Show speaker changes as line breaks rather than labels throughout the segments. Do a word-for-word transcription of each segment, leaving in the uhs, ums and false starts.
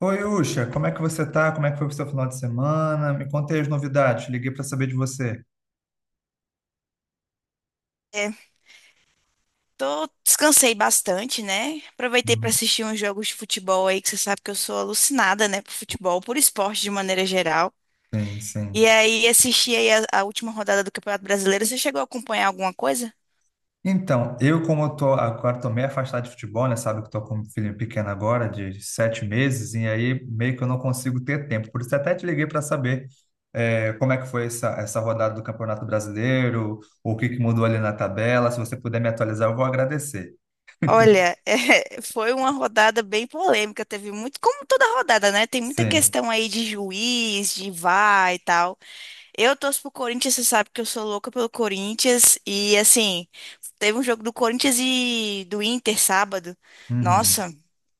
Oi, Uxa, como é que você tá? Como é que foi o seu final de semana? Me conte aí as novidades, liguei para saber de você.
É, tô, descansei bastante, né? Aproveitei para
Uhum.
assistir uns jogos de futebol aí, que você sabe que eu sou alucinada, né, por futebol, por esporte de maneira geral.
Sim, sim.
E aí assisti aí a, a última rodada do Campeonato Brasileiro. Você chegou a acompanhar alguma coisa?
Então, eu como eu tô agora tô meio afastado de futebol, né? Sabe que eu tô com um filho pequeno agora, de sete meses, e aí meio que eu não consigo ter tempo. Por isso até te liguei para saber é, como é que foi essa, essa rodada do Campeonato Brasileiro, o que que mudou ali na tabela. Se você puder me atualizar, eu vou agradecer.
Olha, é, foi uma rodada bem polêmica, teve muito, como toda rodada, né? Tem muita
Sim.
questão aí de juiz, de VAR e tal. Eu torço pro Corinthians, você sabe que eu sou louca pelo Corinthians. E assim, teve um jogo do Corinthians e do Inter sábado.
Uhum.
Nossa,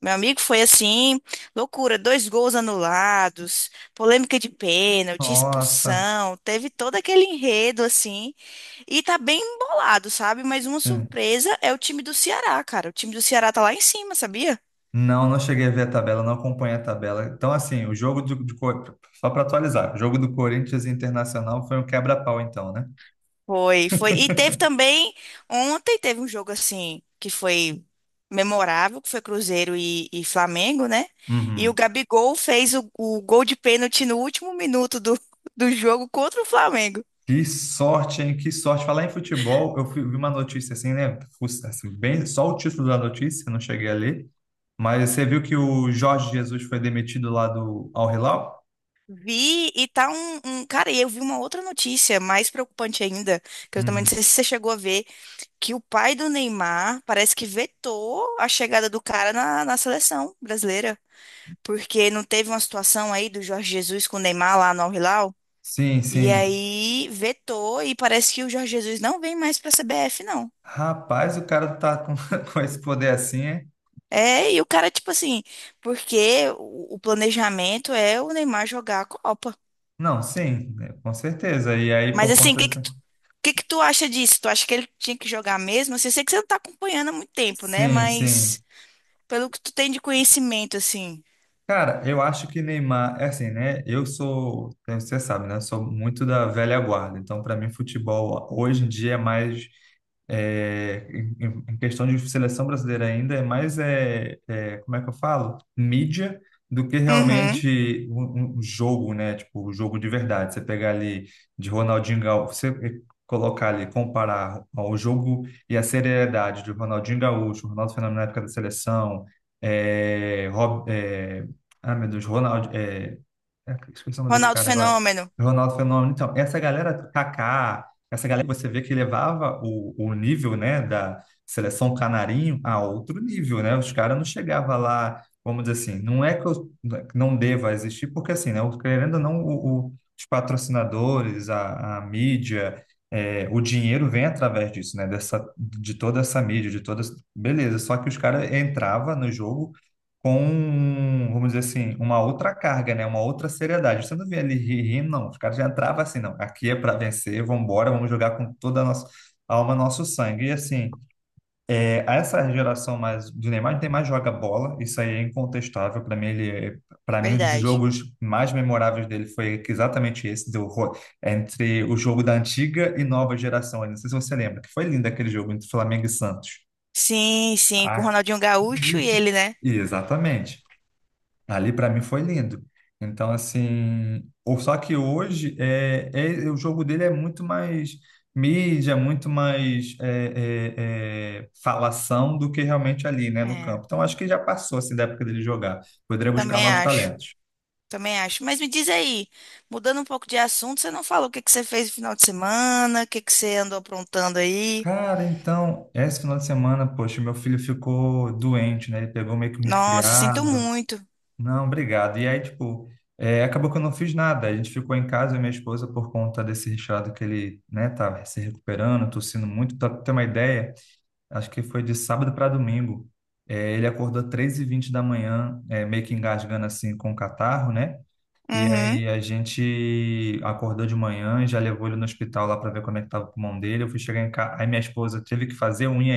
meu amigo, foi assim, loucura, dois gols anulados, polêmica de pênalti,
Nossa,
expulsão, teve todo aquele enredo assim. E tá bem embolado, sabe? Mas uma
sim.
surpresa é o time do Ceará, cara. O time do Ceará tá lá em cima, sabia?
Não, não cheguei a ver a tabela, não acompanhei a tabela. Então, assim, o jogo do, do Cor- só para atualizar, o jogo do Corinthians e Internacional foi um quebra-pau, então, né?
Foi, foi. E teve também, ontem teve um jogo assim, que foi memorável, que foi Cruzeiro e, e Flamengo, né? E o
Uhum.
Gabigol fez o, o gol de pênalti no último minuto do, do jogo contra o Flamengo.
Que sorte, hein? Que sorte. Falar em futebol, eu fui- vi uma notícia assim, né? Fus- Assim, bem, só o título da notícia, não cheguei a ler. Mas você viu que o Jorge Jesus foi demitido lá do Al Hilal?
Vi e tá um, um- Cara, e eu vi uma outra notícia mais preocupante ainda, que eu também não
Uhum.
sei se você chegou a ver, que o pai do Neymar parece que vetou a chegada do cara na, na seleção brasileira. Porque não teve uma situação aí do Jorge Jesus com o Neymar lá no Al-Hilal?
Sim,
E
sim.
aí vetou e parece que o Jorge Jesus não vem mais para a C B F, não.
Rapaz, o cara tá com, com esse poder assim, é?
É, e o cara, tipo assim, porque o, o planejamento é o Neymar jogar a Copa.
Não, sim, né, com certeza. E aí,
Mas
por
assim, o
conta
que
do...
que tu, o que que tu acha disso? Tu acha que ele tinha que jogar mesmo? Assim, eu sei que você não tá acompanhando há muito tempo, né?
Sim, sim.
Mas pelo que tu tem de conhecimento, assim.
Cara, eu acho que Neymar, é assim, né? Eu sou, né, você sabe, né? Sou muito da velha guarda. Então, para mim, futebol hoje em dia é mais, é, em, em- em questão de seleção brasileira ainda, é mais, é, é, como é que eu falo? Mídia do que
Uhum.
realmente um, um um jogo, né? Tipo, o jogo de verdade. Você pegar ali de Ronaldinho Gaúcho, você colocar ali, comparar o jogo e a seriedade de Ronaldinho Gaúcho, Ronaldo Fenômeno na época da seleção, ah, meu Deus, Ronaldo. É, é, esqueci o nome do outro
Ronaldo
cara agora.
Fenômeno,
Ronaldo Fenômeno. Então, essa galera, Kaká, essa galera que você vê que levava o, o nível, né, da seleção canarinho a outro nível, né? Os caras não chegavam lá, vamos dizer assim, não é que eu não deva existir, porque assim, né, o- querendo ou não, o- o- os patrocinadores, a, a mídia, é, o dinheiro vem através disso, né? Dessa, de toda essa mídia, de todas. Beleza, só que os caras entravam no jogo com, um, vamos dizer assim, uma outra carga, né? Uma outra seriedade. Você não vê ele ri- rindo, não. Os caras já entravam assim, não. Aqui é para vencer, vamos embora, vamos jogar com toda a nossa alma, nosso sangue. E assim, é, essa geração mais do Neymar, o Neymar joga bola, isso aí é incontestável. Para mim, ele, para mim, um dos
verdade.
jogos mais memoráveis dele foi exatamente esse, do, Ro- entre o jogo da antiga e nova geração. Eu não sei se você lembra, que foi lindo aquele jogo entre Flamengo e Santos.
Sim, sim, com o
Ah,
Ronaldinho Gaúcho e ele, né?
exatamente. Ali para mim foi lindo. Então, assim, ou só que hoje é, é- o jogo dele é muito mais mídia, muito mais é, é, é, falação do que realmente ali, né, no
É,
campo. Então, acho que já passou assim da época dele jogar. Poderia buscar
também
novos
acho.
talentos.
Também acho. Mas me diz aí, mudando um pouco de assunto, você não falou o que que você fez no final de semana, o que que você andou aprontando aí?
Cara, então, esse final de semana, poxa, meu filho ficou doente, né? Ele pegou meio que um
Nossa, sinto
resfriado.
muito.
Não, obrigado. E aí, tipo, é, acabou que eu não fiz nada. A gente ficou em casa, eu e minha esposa, por conta desse resfriado que ele, né, tá se recuperando, tossindo muito. Pra ter uma ideia, acho que foi de sábado para domingo. É, ele acordou três e vinte da manhã, é, meio que engasgando assim com o catarro, né? E
Uhum,
aí a gente acordou de manhã, já levou ele no hospital lá para ver como é que tava o pulmão dele. Eu fui chegar em casa, aí minha esposa teve que fazer unha.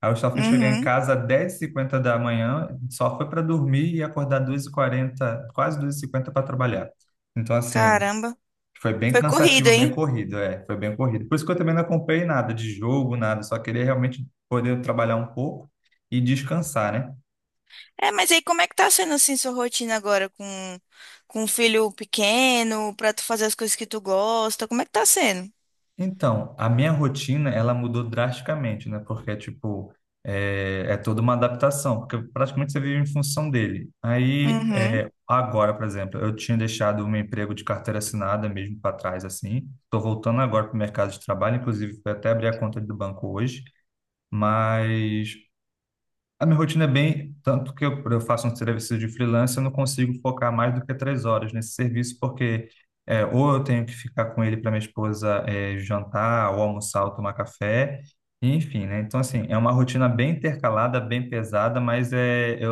Aí eu só fui chegar em
uhum.
casa às dez e cinquenta da manhã, só foi para dormir e acordar duas e quarenta, quase duas e cinquenta para trabalhar. Então, assim,
Caramba.
foi bem
Foi corrido,
cansativo, bem
hein?
corrido, é, foi bem corrido. Por isso que eu também não acompanhei nada de jogo, nada, só queria realmente poder trabalhar um pouco e descansar, né?
É, mas aí como é que tá sendo assim sua rotina agora com com um filho pequeno, pra tu fazer as coisas que tu gosta? Como é que tá sendo?
Então, a minha rotina, ela mudou drasticamente, né? Porque, tipo, é, é toda uma adaptação, porque praticamente você vive em função dele. Aí,
Uhum.
é, agora, por exemplo, eu tinha deixado o meu emprego de carteira assinada mesmo para trás, assim. Estou voltando agora para o mercado de trabalho, inclusive, fui até abrir a conta do banco hoje. Mas a minha rotina é bem, tanto que eu, eu faço um serviço de freelance, eu não consigo focar mais do que três horas nesse serviço, porque é, ou eu tenho que ficar com ele para minha esposa é, jantar, ou almoçar, ou tomar café, enfim, né? Então, assim, é uma rotina bem intercalada, bem pesada, mas é, eu,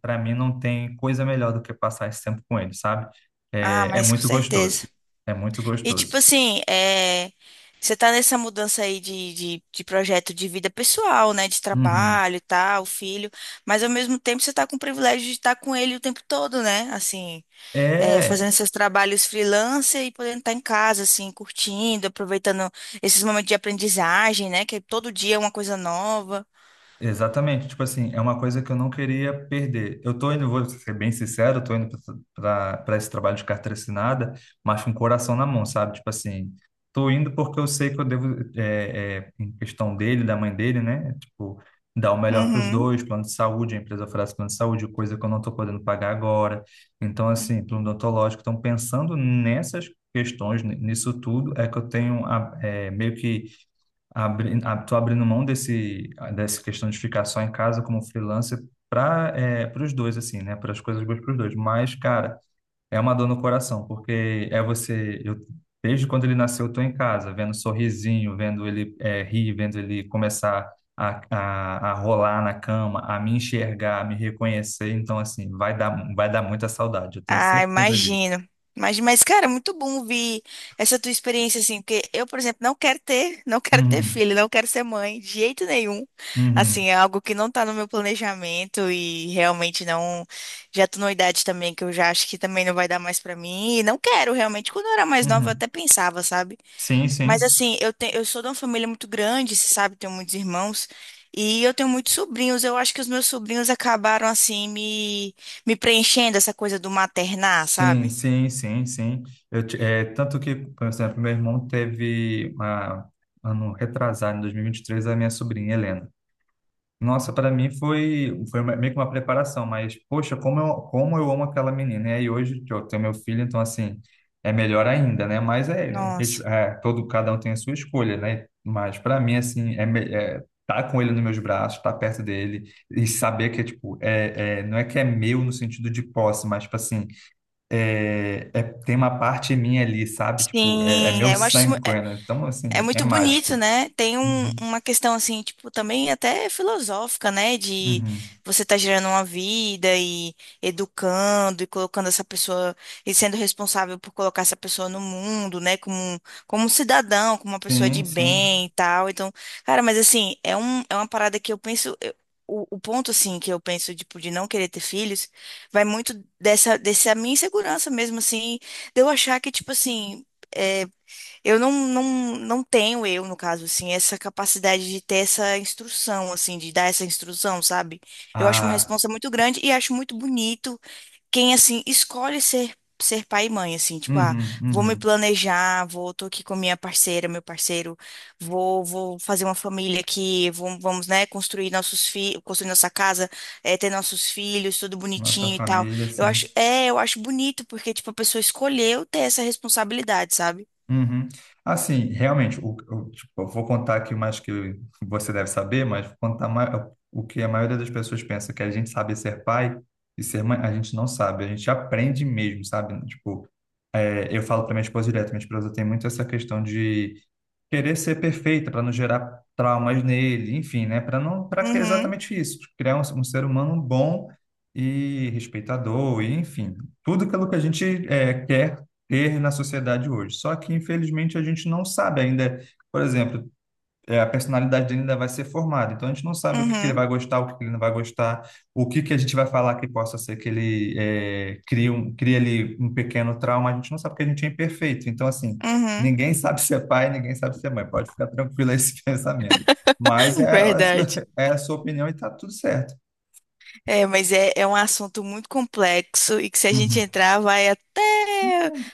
para mim não tem coisa melhor do que passar esse tempo com ele, sabe?
Ah,
É, é
mas com
muito gostoso,
certeza.
é muito
E tipo
gostoso.
assim, é, você tá nessa mudança aí de, de, de projeto de vida pessoal, né? De
Uhum.
trabalho e tal, filho, mas ao mesmo tempo você tá com o privilégio de estar com ele o tempo todo, né? Assim, é,
É,
fazendo seus trabalhos freelancer e podendo estar em casa, assim, curtindo, aproveitando esses momentos de aprendizagem, né? Que é todo dia é uma coisa nova.
exatamente, tipo assim, é uma coisa que eu não queria perder. Eu tô indo, vou ser bem sincero, eu tô indo para esse trabalho de carteira assinada, mas com o coração na mão, sabe? Tipo assim, tô indo porque eu sei que eu devo, é, é, em questão dele, da mãe dele, né? Tipo, dar o melhor para os
Uhum.
dois, plano de saúde, a empresa oferece plano de saúde, coisa que eu não tô podendo pagar agora. Então, assim, plano odontológico, então pensando nessas questões, n- nisso tudo, é que eu tenho a, é, meio que abri, a- tô abrindo mão desse dessa questão de ficar só em casa como freelancer para é, para os dois assim, né? Para as coisas boas para os dois. Mas, cara, é uma dor no coração porque é você eu desde quando ele nasceu eu tô em casa vendo sorrisinho, vendo ele é, rir, vendo ele começar A, a, a rolar na cama, a me enxergar, a me reconhecer, então assim, vai dar, vai dar muita saudade, eu tenho
Ah,
certeza disso.
imagino. Imagino, mas, cara, é muito bom ouvir essa tua experiência, assim, porque eu, por exemplo, não quero ter, não quero ter
Uhum,
filho, não quero ser mãe, de jeito nenhum.
uhum,
Assim, é algo que não tá no meu planejamento e realmente não. Já tô numa idade também que eu já acho que também não vai dar mais pra mim. E não quero, realmente. Quando eu era mais nova, eu
uhum.
até pensava, sabe?
Sim,
Mas
sim.
assim, eu, te, eu sou de uma família muito grande, você sabe, tenho muitos irmãos, e eu tenho muitos sobrinhos. Eu acho que os meus sobrinhos acabaram assim me, me preenchendo essa coisa do maternar,
Sim,
sabe?
sim, sim, sim. Eu, ti- é, tanto que, por exemplo, meu irmão teve uma, ano retrasado, em dois mil e e vinte e três a minha sobrinha Helena. Nossa, para mim foi, foi uma- meio que uma preparação, mas, poxa, como eu, como eu amo aquela menina. E aí hoje que eu tenho meu filho, então, assim, é melhor ainda, né? Mas é, res-
Nossa.
é, todo, cada um tem a sua escolha, né? Mas para mim, assim, é, me- é tá com ele nos meus braços, estar perto dele e saber que, tipo, é, é, não é que é meu no sentido de posse, mas, tipo assim, é, é- tem uma parte minha ali, sabe? Tipo, é, é
Sim,
meu
é, eu acho isso.
sangue correndo. Então,
É
assim, é
muito bonito,
mágico.
né? Tem um-
Uhum,
uma questão assim, tipo, também até filosófica, né? De
uhum.
você estar gerando uma vida e educando e colocando essa pessoa e sendo responsável por colocar essa pessoa no mundo, né? Como, um- como um cidadão, como uma pessoa
Sim,
de
sim.
bem e tal. Então, cara, mas assim, é um, é uma parada que eu penso. Eu- o, o ponto, assim, que eu penso, tipo, de não querer ter filhos, vai muito dessa, dessa minha insegurança mesmo, assim, de eu achar que, tipo assim. É, eu não, não, não tenho eu, no caso, assim, essa capacidade de ter essa instrução, assim, de dar essa instrução, sabe? Eu acho uma
Ah,
responsa muito grande e acho muito bonito quem, assim, escolhe ser, ser pai e mãe, assim, tipo, ah,
uhum,
vou me
uhum.
planejar, vou, tô aqui com minha parceira, meu parceiro, vou, vou fazer uma família aqui, vamos, vamos, né, construir nossos filhos, construir nossa casa, eh, ter nossos filhos, tudo
Nossa
bonitinho e tal.
família,
Eu acho,
sim.
é, eu acho bonito, porque, tipo, a pessoa escolheu ter essa responsabilidade, sabe?
Uhum. Assim, realmente, o, o- tipo, eu vou contar aqui mais que eu- você deve saber, mas vou contar ma- o que a maioria das pessoas pensa, que a gente sabe ser pai e ser mãe, a gente não sabe, a gente aprende mesmo, sabe? Tipo, é, eu falo para minha esposa direto, minha esposa tem muito essa questão de querer ser perfeita para não gerar traumas nele, enfim, né? Para não, para
Uhum.
exatamente isso, criar um, um ser humano bom e respeitador, e enfim, tudo aquilo que a gente é, quer ter na sociedade hoje. Só que infelizmente a gente não sabe ainda, por exemplo, é, a personalidade dele ainda vai ser formada. Então a gente não sabe o que que ele
Uhum,
vai gostar, o que que ele não vai gostar, o que que a gente vai falar que possa ser que ele é, crie um, crie ali um pequeno trauma. A gente não sabe porque a gente é imperfeito. Então, assim,
uhum,
ninguém sabe ser pai, ninguém sabe ser mãe. Pode ficar tranquilo esse pensamento. Mas é, a
verdade.
sua- é a sua opinião e tá tudo certo.
É, mas é, é um assunto muito complexo e que se a gente
Uhum.
entrar vai até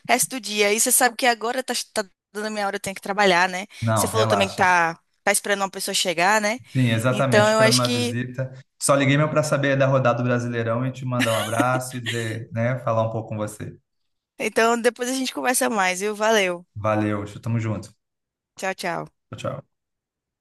o resto do dia. E você sabe que agora tá, tá dando a minha hora, eu tenho que trabalhar, né? Você
Não,
falou também que
relaxa.
tá, tá esperando uma pessoa chegar, né?
Sim, exatamente.
Então eu
Esperando
acho
uma
que.
visita. Só liguei meu para saber da rodada do Brasileirão e te mandar um abraço e dizer, né, falar um pouco com você.
Então depois a gente conversa mais, viu? Valeu.
Valeu, tamo junto.
Tchau, tchau.
Tchau, tchau.